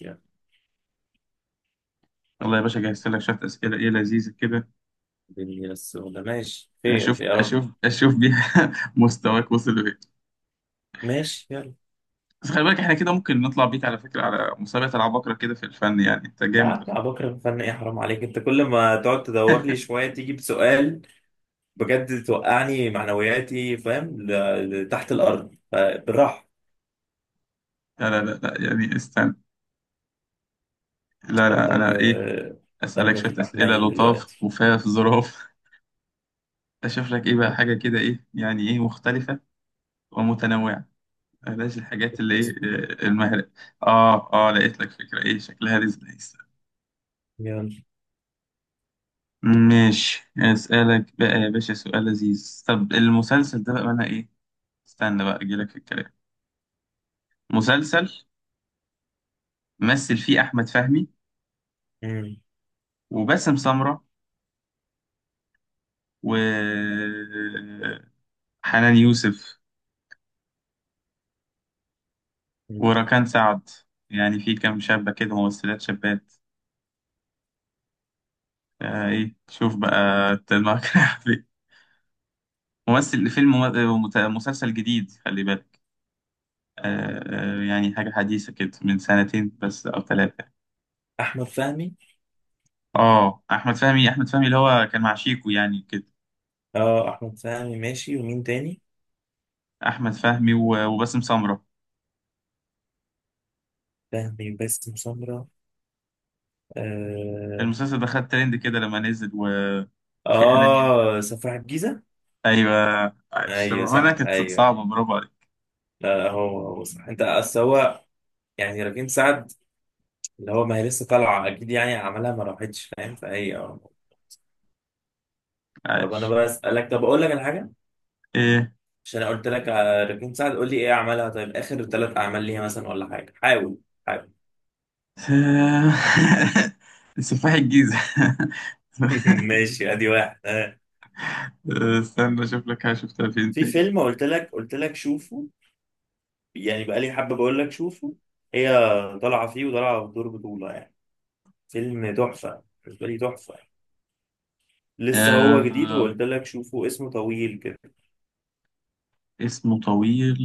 يا يلا يا باشا، جهزت لك شوية أسئلة إيه لذيذة كده. دنيا السوداء، ماشي، خير أشوف يا رب. أشوف أشوف بيها مستواك وصل لإيه؟ ماشي يلا. بس خلي بالك، إحنا كده ممكن نطلع بيك على فكرة على مسابقة العباقرة كده في الفن، يعني أنت يا عم جامد ابو بكر، فن ايه؟ حرام عليك، انت كل ما تقعد تدور لي لا شويه تيجي بسؤال. بجد توقعني، معنوياتي فاهم تحت الارض، فبالراحه ان لا لا لا، يعني استنى. لا شاء لا، الله أنا إيه، آه، أسألك قلبك شوية يبقى أسئلة حنين لطاف دلوقتي. وفاف ظراف. أشوف لك إيه بقى، حاجة كده إيه، يعني إيه، مختلفة ومتنوعة. بلاش الحاجات اللي إيه المهرة. آه آه، لقيت لك فكرة إيه شكلها رزق. يلا. ماشي، اسألك بقى يا باشا سؤال لذيذ. طب المسلسل ده بقى معناه ايه؟ استنى بقى اجيلك في الكلام. مسلسل مثل فيه احمد فهمي مم. وباسم سمرة و حنان يوسف مم. وركان سعد. يعني في كام شابة كده، ممثلات شابات. آه ايه، شوف بقى أنت دماغك رايحة فين. ممثل فيلم مسلسل جديد، خلي بالك. يعني حاجة حديثة كده من سنتين بس او ثلاثة. احمد فهمي. اه، احمد فهمي اللي هو كان مع شيكو يعني كده. اه، احمد فهمي ماشي، ومين تاني؟ احمد فهمي و- وباسم سمرة. فهمي، باسم سمرة. اه. المسلسل ده خد ترند كده لما نزل و... وفي حنان آه. سفاح الجيزه. ايوه، عايش. طب ايوه انا صح كانت ايوه. صعبه، برافو عليك. لا لا، هو هو صح، انت اصل هو يعني ركين سعد اللي هو، ما هي لسه طالعه اكيد يعني عملها، ما راحتش فاهم، فهي اه. طب انا عايش بسالك، طب اقول لك على حاجه ايه؟ عشان انا قلت لك على ركين سعد، قول لي ايه عملها، طيب اخر ثلاث اعمال ليها مثلا ولا حاجه. حاول، حاول. سفاح الجيزه. ماشي ادي واحد اه. استنى اشوف لك حاجه شفتها فين في تاني. فيلم قلت لك شوفه، يعني بقالي حبه بقول لك شوفه. هي طالعه فيه وطالعه بدور بطوله يعني. فيلم تحفه بالنسبه لي، تحفه يعني. لسه هو جديد آه... وقلت لك شوفه، اسمه طويل كده. اسمه طويل.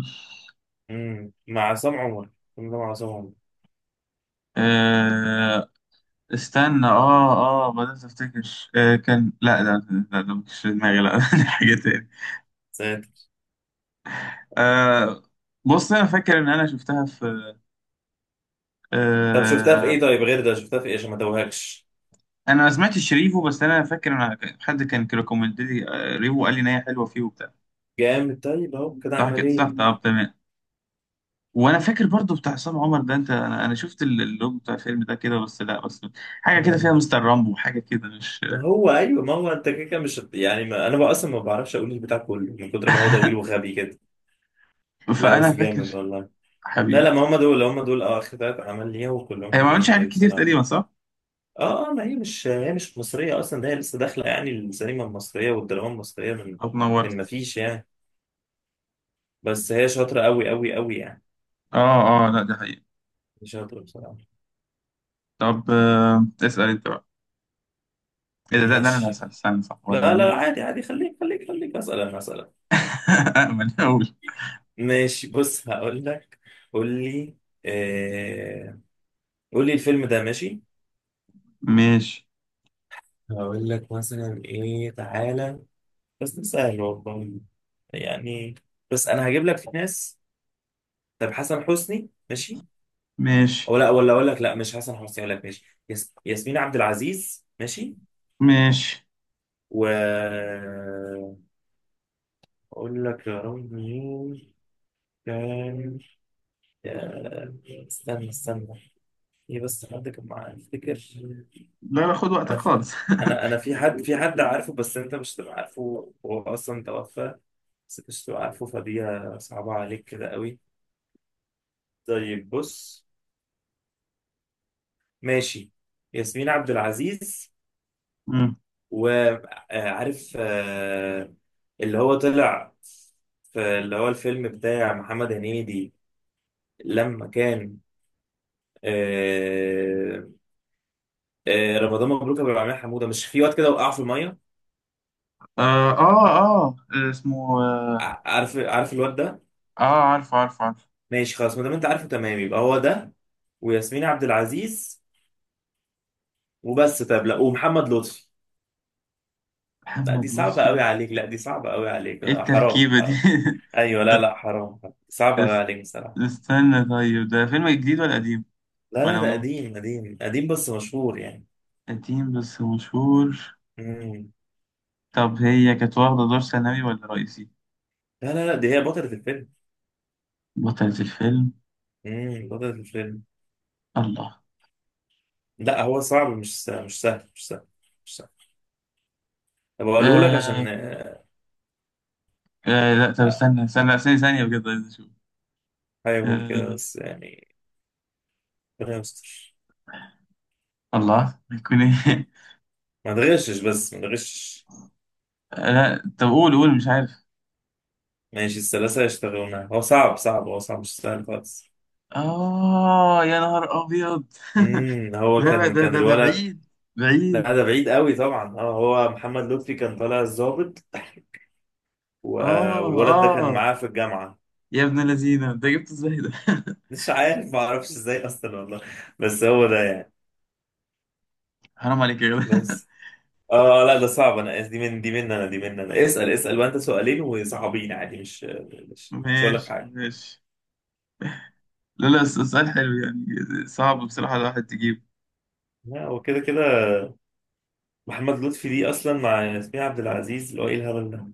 مع عصام عمر، الفيلم ده مع عصام عمر. آه... استنى. اه اه بدأت افتكر. كان، لا ده، لا ده مش في دماغي، لا دي حاجة تاني. ساتر. آه، بص انا فاكر ان انا شفتها في. طب شفتها في آه ايه، طيب غير ده شفتها في ايه عشان ما ادوهكش؟ انا ما سمعتش شريفو، بس انا فاكر ان حد كان ريكومند لي، ريفو قال لي ان هي حلوة فيه وبتاع. جامد، طيب اهو كده صح اعمل كده، ايه. صح، طب تمام. وانا فاكر برضو بتاع عصام عمر ده، انت انا شفت اللوج بتاع الفيلم ده كده بس، لا بس حاجة كده فيها مم. مستر رامبو، حاجة كده مش ما هو ايوه، ما هو انت كده كده مش يعني، ما انا بقى اصلا ما بعرفش اقول البتاع كله من كتر ما هو طويل وغبي كده. لا فانا بس فاكر جامد والله. لا لا، حبيبي. ما هم دول هم دول اه اخر ثلاث اعمال ليها، وكلهم هي ما عملتش حلوين حاجات قوي كتير بصراحه. تقريبا، صح؟ اه اه، ما هي مش مصريه اصلا، ده هي لسه داخله يعني السينما المصريه والدراما المصريه من. طب ما نورت. فيش يعني. بس هي شاطره قوي قوي قوي يعني. اه اه، لا دي حقيقة. شاطره بصراحه. طب، اسأل انت بقى. ايه، ده انا اللي ماشي. هسأل، استنى، صح، هو ده لا مين؟ لا عادي عادي، خليك خليك خليك اسال، انا اسال؟ أأمن أقول. ماشي بص هقول لك. قول لي. آه... قول لي الفيلم ده ماشي. ماشي هقول لك مثلا ايه، تعالى. بس ده سهل والله يعني. بس انا هجيب لك في ناس. طب حسن حسني، ماشي؟ ماشي او لا، ولا اقول لك، لا مش حسن حسني، اقول لك ماشي، ياسمين عبد العزيز، ماشي. ماشي. و اقول لك يا رب مين كان. يا- استنى استنى، في بس حد كان معاه افتكر. لا لا، خد وقتك انا في... خالص انا انا في حد في حد عارفه، بس انت مش هتبقى عارفه، هو اصلا توفى. بس انت مش هتبقى عارفه، فدي صعبة عليك كده قوي. طيب بص، ماشي. ياسمين عبد العزيز، مم. وعارف اللي هو طلع في، اللي هو الفيلم بتاع محمد هنيدي لما كان، آه، رمضان مبروك ابو العميل، حموده مش في واد كده وقع في الميه، آه, اه اه. اسمه، عارف عارف الواد ده؟ آه، عارف عارف عارف. ماشي خلاص، ما دام انت عارفه تمام يبقى هو ده. وياسمين عبد العزيز وبس. طب لا، ومحمد لطفي. لا دي محمد صعبة لطفي. قوي عليك، لا دي صعبة قوي عليك ايه آه، حرام التركيبة دي؟ حرام. ايوه، لا لا. لا حرام، صعبة قوي اس- عليك بصراحة. استنى، طيب ده فيلم جديد ولا قديم؟ لا لا، ولا ده ولا قديم قديم قديم بس مشهور يعني. قديم بس مشهور؟ مم. طب هي كانت واخدة دور ثانوي ولا رئيسي؟ لا لا لا، دي هي بطلة الفيلم. بطلة الفيلم. مم. بطلة الفيلم. الله. لا هو صعب، مش سهل مش سهل مش سهل. مش سهل. طب اقوله لك آه عشان آه، آه، لا طب استنى استنى ثانية ثانية بجد عايز اشوف. احاول آه. كده بس يعني. ربنا يستر. الله هيكون ايه؟ ما تغشش بس، ما تغشش. لا طب قول قول مش عارف. ماشي الثلاثة يشتغلونها، هو صعب صعب، هو صعب مش سهل خالص. اه، يا نهار ابيض. هو لا لا، كان ده ده ده الولد. بعيد، بعيد. لا ده بعيد قوي طبعا. اه هو محمد لطفي كان طالع الضابط و- اه والولد ده كان اه، معاه في الجامعة. يا ابن الذين انت جبت ازاي ده؟ مش عارف، ما اعرفش ازاي اصلا والله. بس هو ده يعني. حرام عليك يا جدع. بس. اه لا ده صعب، انا آسف. دي من انا اسأل، اسأل، وانت سؤالين وصعبين عادي، مش هقول لك ماشي حاجة. ماشي. لا لا، السؤال حلو يعني. صعب بصراحة الواحد تجيبه. لا هو كده كده، محمد لطفي دي اصلا مع ياسمين عبد العزيز، اللي هو ايه الهبل ده.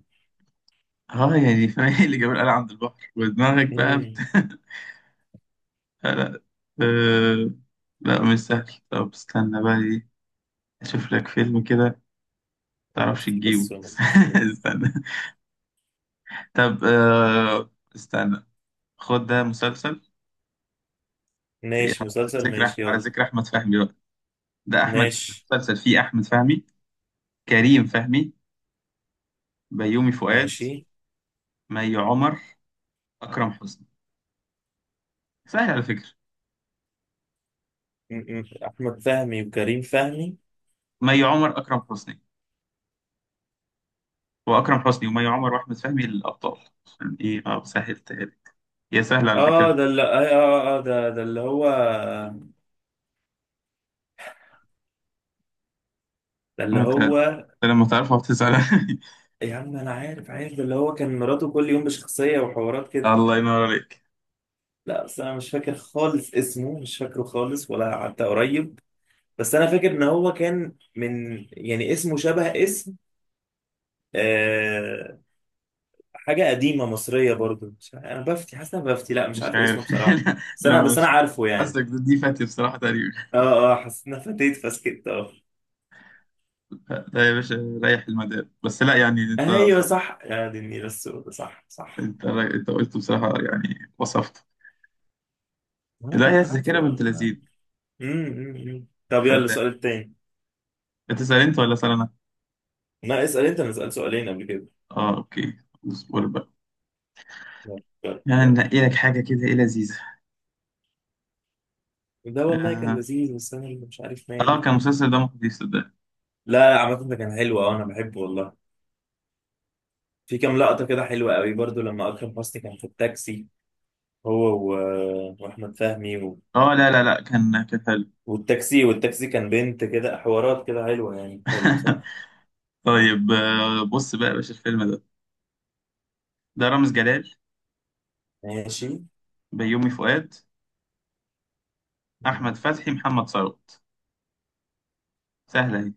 اه، يعني فاهم إيه اللي جاب القلعة عند البحر ودماغك بقى مم. لا. أه... لا مش سهل. طب استنى بقى ايه، اشوف لك فيلم كده يعني متعرفش بس تجيبه. بس. استنى. طب استنى، خد ده مسلسل يعني. ماشي مسلسل، ماشي على يلا. ذكر احمد فهمي بقى. ده احمد، ماشي. مسلسل فيه احمد فهمي، كريم فهمي، بيومي فؤاد، ماشي. مي عمر، اكرم حسني. سهل على فكرة. احمد فهمي وكريم فهمي. مي عمر، اكرم حسني، واكرم حسني ومي عمر واحمد فهمي الابطال. عشان ايه، سهلتها لك. هي سهلة على اه فكرة. ده اللي ده اللي هو، ده اللي انت هو. لما تعرفها بتزعل يا عم انا عارف عارف، ده اللي هو كان مراته كل يوم بشخصية وحوارات كده. الله ينور عليك. لا بس انا مش فاكر خالص، اسمه مش فاكره خالص ولا حتى قريب. بس انا فاكر ان هو كان من، يعني اسمه شبه اسم آه حاجة قديمة مصرية برضو. مش عارف- انا بفتي، حاسس إن انا بفتي، لا مش مش عارف اسمه عارف. بصراحة. لما بس انا عارفه يعني. حاسك دي فاتي بصراحة تقريبا. اه. اه، حسيت انها فاتت فسكت اه. لا يا باشا، ريح المدار بس، لا يعني انت ايوه صح. صح، يا دي النيله السوداء، صح صح. انت قلت بصراحة، يعني وصفت. وانا لا هي كنت عارفه الذاكرة بنت والله. لذيذ. أمم، أمم، أمم. طب يلا السؤال خدام. التاني. بتسأل انت ولا اسأل انا؟ لا اسال انت، انا سالت سؤالين قبل كده. اه اوكي، اصبر بقى. يلا، يلا، يعني يلا. ننقي لك حاجة كده ايه لذيذة. ده والله كان اه. لذيذ، بس انا اللي مش عارف مالي. كان المسلسل ده مخيف صدق. لا لا، عامة ده كان حلو، اه انا بحبه والله. في كام لقطة كده حلوة قوي برضو لما اكرم حسني كان في التاكسي، هو و... واحمد فهمي و... اه لا لا لا، كان حلو. والتاكسي كان بنت كده، حوارات كده حلوة يعني، حلو بصراحة. طيب، بص بقى يا باشا. الفيلم ده، ده رامز جلال، ماشي. بيومي فؤاد، احمد فتحي، محمد ثروت. سهله اهي.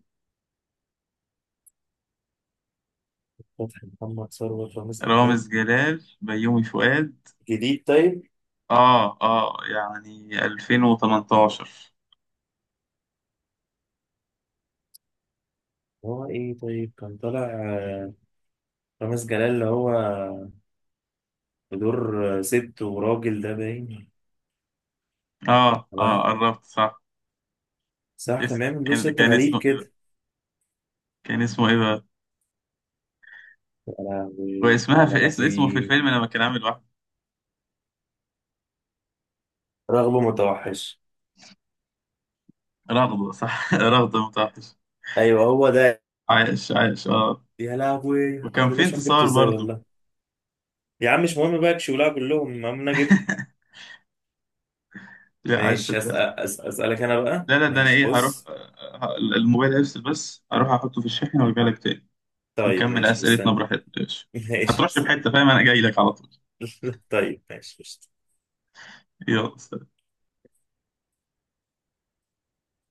فتحي، محمد ثروت، رامز جلال. رامز جلال، بيومي فؤاد. جديد طيب. اه اه، يعني 2018. هو ايه طيب كان طالع، رامز جلال اللي هو بدور، ست وراجل، ده باين اه اه، بقى. قربت صح. صح كان اسم، بيعمل دور كان ست كان غريب اسمه ايه بقى؟ كده. كان اسمه ايه بقى؟ انا واسمها على في انا في اسم، اسمه في الفيلم لما كان عامل واحد. رغبة متوحش. رغدة، صح رغدة متوحش. ايوه هو ده. عايش عايش يا لهوي الحمد وكان لله، في شوف جبته انتصار ازاي برضو. والله. يا عم مش مهم بقى شغلها كلهم، المهم انا جبته. لا عايز ماشي صدق. أسأل، اسألك انا بقى، لا لا ده انا ماشي ايه، هروح بص. الموبايل هيفصل، بس هروح احطه في الشاحن وارجع لك تاني. طيب نكمل ماشي اسئلتنا مستني. براحتنا يا باشا. ماشي هترش في مستني. حته فاهم، انا جاي لك على طول. طيب ماشي قشطة. يلا.